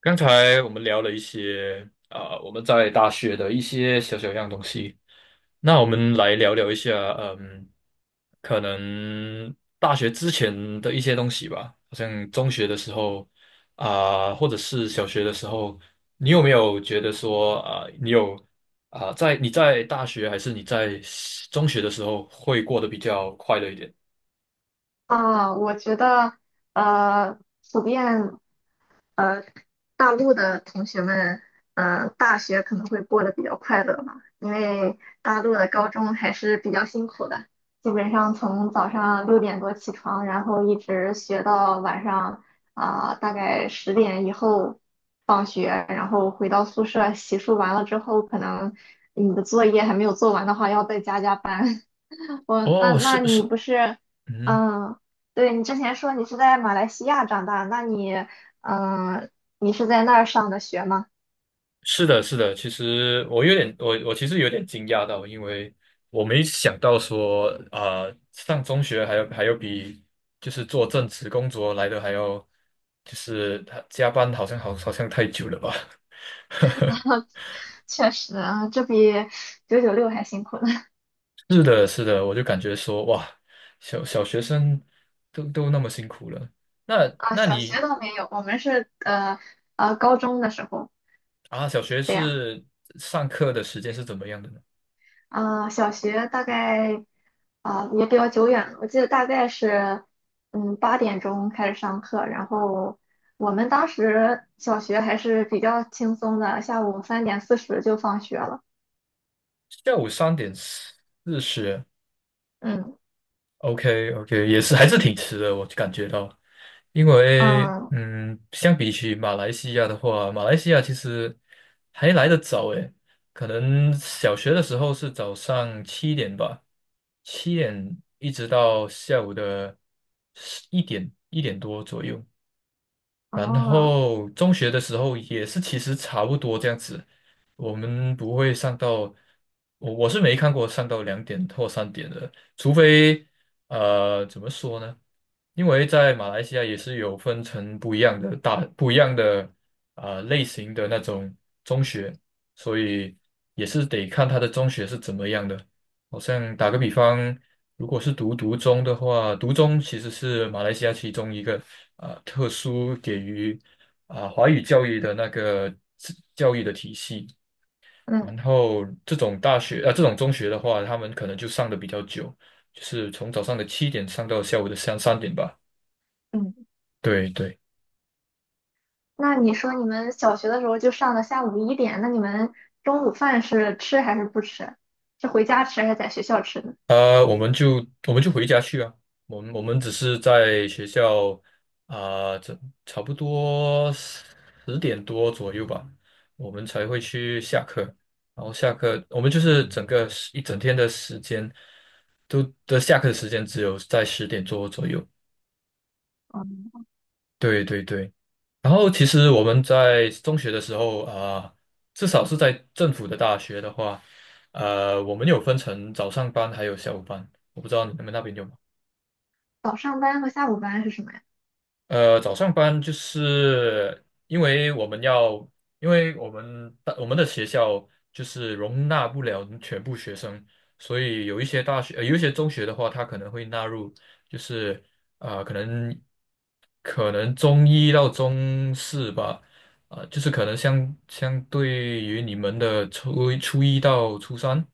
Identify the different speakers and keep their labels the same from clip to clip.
Speaker 1: 刚才我们聊了一些我们在大学的一些小小样东西。那我们来聊聊一下，嗯，可能大学之前的一些东西吧。好像中学的时候或者是小学的时候，你有没有觉得说啊、你有啊、你在大学还是你在中学的时候会过得比较快乐一点？
Speaker 2: 我觉得呃，普遍呃，大陆的同学们，大学可能会过得比较快乐吧，因为大陆的高中还是比较辛苦的，基本上从早上6点多起床，然后一直学到晚上大概10点以后放学，然后回到宿舍洗漱完了之后，可能你的作业还没有做完的话，要再加加班。我那
Speaker 1: 哦，
Speaker 2: 那
Speaker 1: 是
Speaker 2: 你
Speaker 1: 是，
Speaker 2: 不是，
Speaker 1: 嗯。
Speaker 2: 嗯，对你之前说你是在马来西亚长大，那你嗯，你是在那儿上的学吗？
Speaker 1: 是的，是的，其实我其实有点惊讶到，因为我没想到说，上中学还有比就是做正职工作来的还要，就是他加班好像好像太久了吧？
Speaker 2: 确实啊，这比996还辛苦呢。
Speaker 1: 是的，是的，我就感觉说，哇，小学生都那么辛苦了。那
Speaker 2: 啊，
Speaker 1: 那
Speaker 2: 小学
Speaker 1: 你
Speaker 2: 倒没有，我们是高中的时候
Speaker 1: 啊，小学
Speaker 2: 这样。
Speaker 1: 是上课的时间是怎么样的呢？
Speaker 2: 小学大概也比较久远了，我记得大概是8点钟开始上课，然后我们当时小学还是比较轻松的，下午3:40就放学了。
Speaker 1: 下午3:40
Speaker 2: 嗯。
Speaker 1: ，OK OK,也是还是挺迟的，我感觉到。因为
Speaker 2: 嗯，
Speaker 1: 相比起马来西亚的话，马来西亚其实还来得早诶，可能小学的时候是早上七点吧，七点一直到下午的一点多左右。然
Speaker 2: 哦，
Speaker 1: 后中学的时候也是，其实差不多这样子。我们不会上到，我是没看过上到2点或3点的，除非怎么说呢？因为在马来西亚也是有分成不一样的不一样的类型的那种中学，所以也是得看他的中学是怎么样的。好像打个比方，如果是读中的话，读中其实是马来西亚其中一个特殊给予华语教育的那个自教育的体系。
Speaker 2: 嗯，
Speaker 1: 然后这种大学这种中学的话，他们可能就上的比较久，就是从早上的七点上到下午的三点吧。
Speaker 2: 嗯，
Speaker 1: 对对。
Speaker 2: 那你说你们小学的时候就上到下午一点，那你们中午饭是吃还是不吃？是回家吃还是在学校吃呢？
Speaker 1: 我们就回家去啊。我们只是在学校啊，这、差不多十点多左右吧，我们才会去下课。然后下课，我们就是整个时一整天的时间都的下课的时间只有在十点多左右。
Speaker 2: 嗯
Speaker 1: 对对对。然后其实我们在中学的时候至少是在政府的大学的话，我们有分成早上班还有下午班。我不知道你们那边有吗？
Speaker 2: 早上班和下午班是什么呀？
Speaker 1: 早上班就是因为我们要，因为我们的学校就是容纳不了全部学生，所以有一些大学，有一些中学的话，它可能会纳入，就是啊，可能可能中一到中四吧，就是可能相对于你们的初一到初三，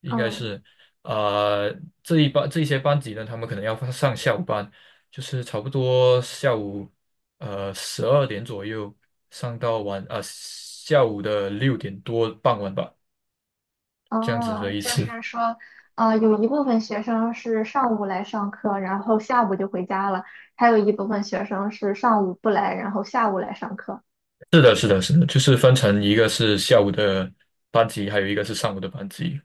Speaker 1: 应该
Speaker 2: 嗯。
Speaker 1: 是。呃，这一些班级呢，他们可能要上下午班，就是差不多下午12点左右上到下午的6点多傍晚吧，这样子的
Speaker 2: 哦，
Speaker 1: 意
Speaker 2: 就
Speaker 1: 思。
Speaker 2: 是 说，啊，有一部分学生是上午来上课，然后下午就回家了；还有一部分学生是上午不来，然后下午来上课。
Speaker 1: 是的，是的，是的，就是分成一个是下午的班级，还有一个是上午的班级。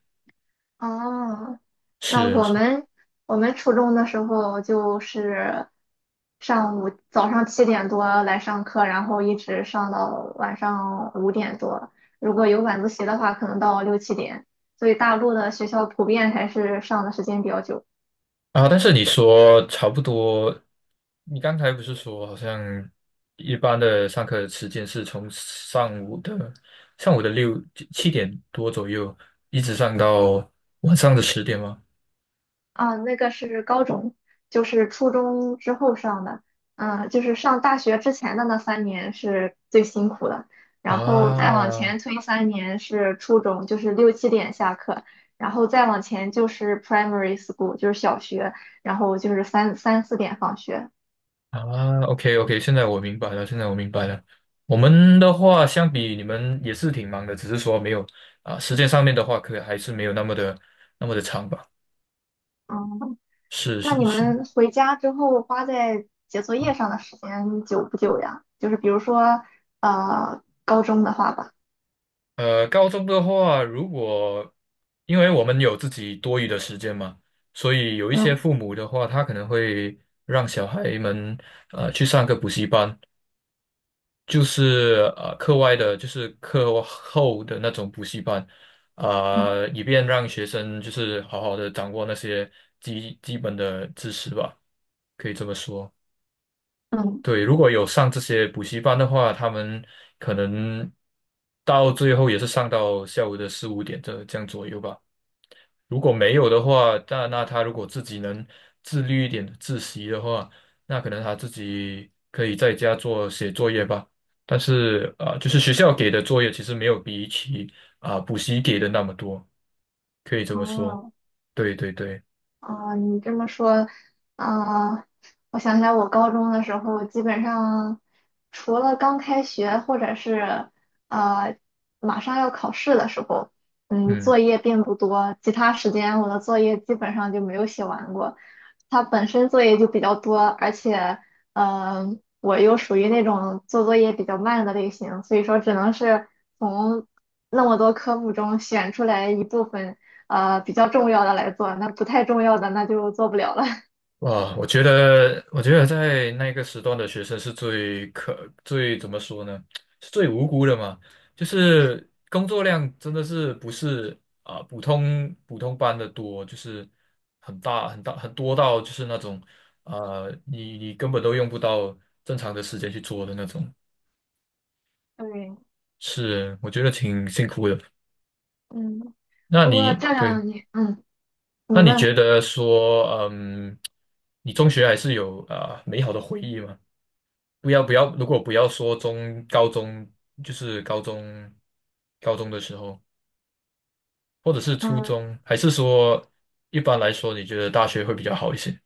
Speaker 2: 哦，那
Speaker 1: 是
Speaker 2: 我
Speaker 1: 是
Speaker 2: 们我们初中的时候就是上午早上7点多来上课，然后一直上到晚上5点多。如果有晚自习的话，可能到六七点。所以大陆的学校普遍还是上的时间比较久。
Speaker 1: 啊，但是你说差不多，你刚才不是说好像一般的上课时间是从上午的六七点多左右，一直上到晚上的十点吗？
Speaker 2: 啊，那个是高中，就是初中之后上的，嗯，就是上大学之前的那三年是最辛苦的，然后再往
Speaker 1: 啊，
Speaker 2: 前推三年是初中，就是六七点下课，然后再往前就是 primary school，就是小学，然后就是三四点放学。
Speaker 1: 啊，OK OK,现在我明白了，现在我明白了。我们的话，相比你们也是挺忙的，只是说没有时间上面的话，可还是没有那么的长吧。
Speaker 2: 嗯，
Speaker 1: 是
Speaker 2: 那
Speaker 1: 是
Speaker 2: 你
Speaker 1: 是，
Speaker 2: 们回家之后花在写作业上的时间久不久呀？就是比如说，高中的话吧。
Speaker 1: 高中的话，如果因为我们有自己多余的时间嘛，所以有一些
Speaker 2: 嗯
Speaker 1: 父母的话，他可能会让小孩们去上个补习班就是课外的，就是课后的那种补习班，
Speaker 2: 嗯。
Speaker 1: 以便让学生就是好好的掌握那些基本的知识吧，可以这么说。
Speaker 2: 嗯，
Speaker 1: 对，如果有上这些补习班的话，他们可能到最后也是上到下午的4、5点这样左右吧。如果没有的话，那他如果自己能自律一点、自习的话，那可能他自己可以在家写作业吧。但是就是学校给的作业其实没有比起补习给的那么多，可以这么说。
Speaker 2: 哦，
Speaker 1: 对对对，
Speaker 2: 啊，你这么说，啊，我想起来，我高中的时候，基本上除了刚开学或者是呃马上要考试的时候，嗯，
Speaker 1: 嗯。
Speaker 2: 作业并不多，其他时间我的作业基本上就没有写完过。它本身作业就比较多，而且，我又属于那种做作业比较慢的类型，所以说只能是从那么多科目中选出来一部分，比较重要的来做，那不太重要的那就做不了了。
Speaker 1: 哇，我觉得，我觉得在那个时段的学生是最怎么说呢？是最无辜的嘛。就是工作量真的是不是普通班的多，就是很大很大很多到就是那种你根本都用不到正常的时间去做的那种。
Speaker 2: 对，
Speaker 1: 是，我觉得挺辛苦的。
Speaker 2: 嗯，
Speaker 1: 那
Speaker 2: 不过
Speaker 1: 你
Speaker 2: 这
Speaker 1: 对，
Speaker 2: 样你，嗯，你
Speaker 1: 那你觉
Speaker 2: 问。
Speaker 1: 得说，你中学还是有美好的回忆吗？不要不要，如果不要说高中，就是高中的时候，或者是初中，还是说一般来说，你觉得大学会比较好一些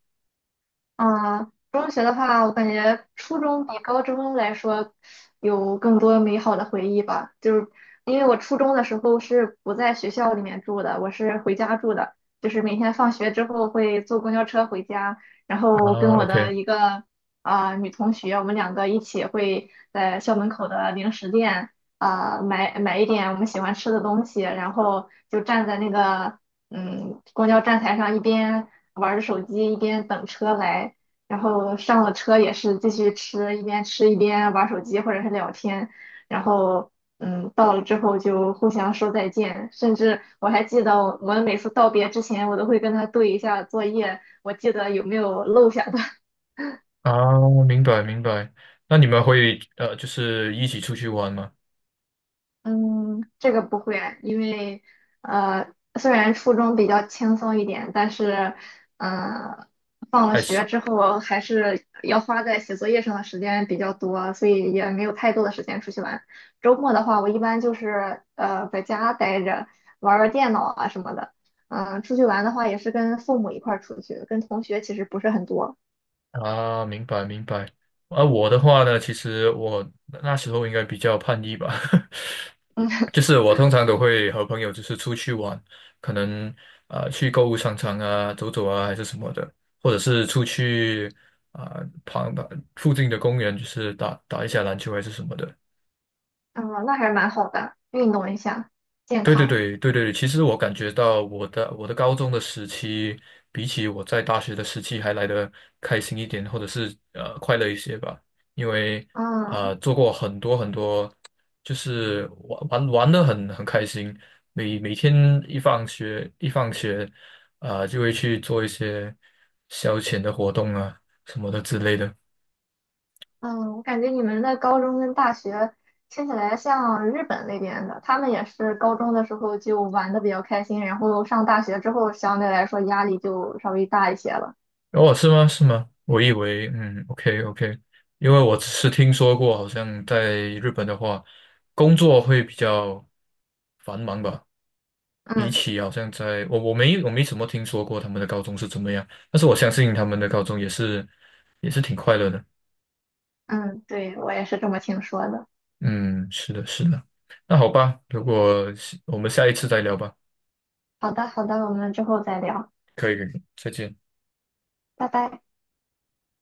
Speaker 2: 中学的话，我感觉初中比高中来说有更多美好的回忆吧。就是因为我初中的时候是不在学校里面住的，我是回家住的，就是每天放学之后会坐公交车回家，然后跟
Speaker 1: 啊
Speaker 2: 我
Speaker 1: ？OK
Speaker 2: 的一个女同学，我们两个一起会在校门口的零食店买一点我们喜欢吃的东西，然后就站在那个公交站台上一边玩着手机，一边等车来，然后上了车也是继续吃，一边吃一边玩手机或者是聊天，然后到了之后就互相说再见，甚至我还记得我们每次道别之前，我都会跟他对一下作业，我记得有没有漏下的。
Speaker 1: 啊，明白明白。那你们会就是一起出去玩吗？
Speaker 2: 嗯，这个不会，因为呃，虽然初中比较轻松一点，但是，呃，放了
Speaker 1: 还是？
Speaker 2: 学之后还是要花在写作业上的时间比较多，所以也没有太多的时间出去玩。周末的话，我一般就是在家待着，玩儿玩儿电脑啊什么的。嗯、出去玩的话也是跟父母一块儿出去，跟同学其实不是很多。
Speaker 1: 啊，明白明白。啊，我的话呢，其实我那时候应该比较叛逆吧，就是我通常都会和朋友就是出去玩，可能去购物商场啊走走啊还是什么的，或者是出去啊、旁旁附近的公园就是打打一下篮球还是什么的。
Speaker 2: 嗯、那还是蛮好的，运动一下，健
Speaker 1: 对对
Speaker 2: 康。
Speaker 1: 对对对，其实我感觉到我的高中的时期，比起我在大学的时期还来的开心一点，或者是快乐一些吧。因为
Speaker 2: 嗯。
Speaker 1: 做过很多很多，就是玩的很开心，每天一放学，啊就会去做一些消遣的活动啊什么的之类的。
Speaker 2: 嗯，我感觉你们的高中跟大学听起来像日本那边的，他们也是高中的时候就玩的比较开心，然后上大学之后相对来说压力就稍微大一些了。
Speaker 1: 哦，是吗？是吗？我以为，嗯，OK OK,因为我只是听说过，好像在日本的话，工作会比较繁忙吧，比
Speaker 2: 嗯
Speaker 1: 起好像在我没怎么听说过他们的高中是怎么样，但是我相信他们的高中也是挺快乐的。
Speaker 2: 嗯，对，我也是这么听说的。
Speaker 1: 嗯，是的，是的。那好吧，如果是我们下一次再聊吧，
Speaker 2: 好的好的，我们之后再聊，
Speaker 1: 可以，可以，再见。
Speaker 2: 拜拜。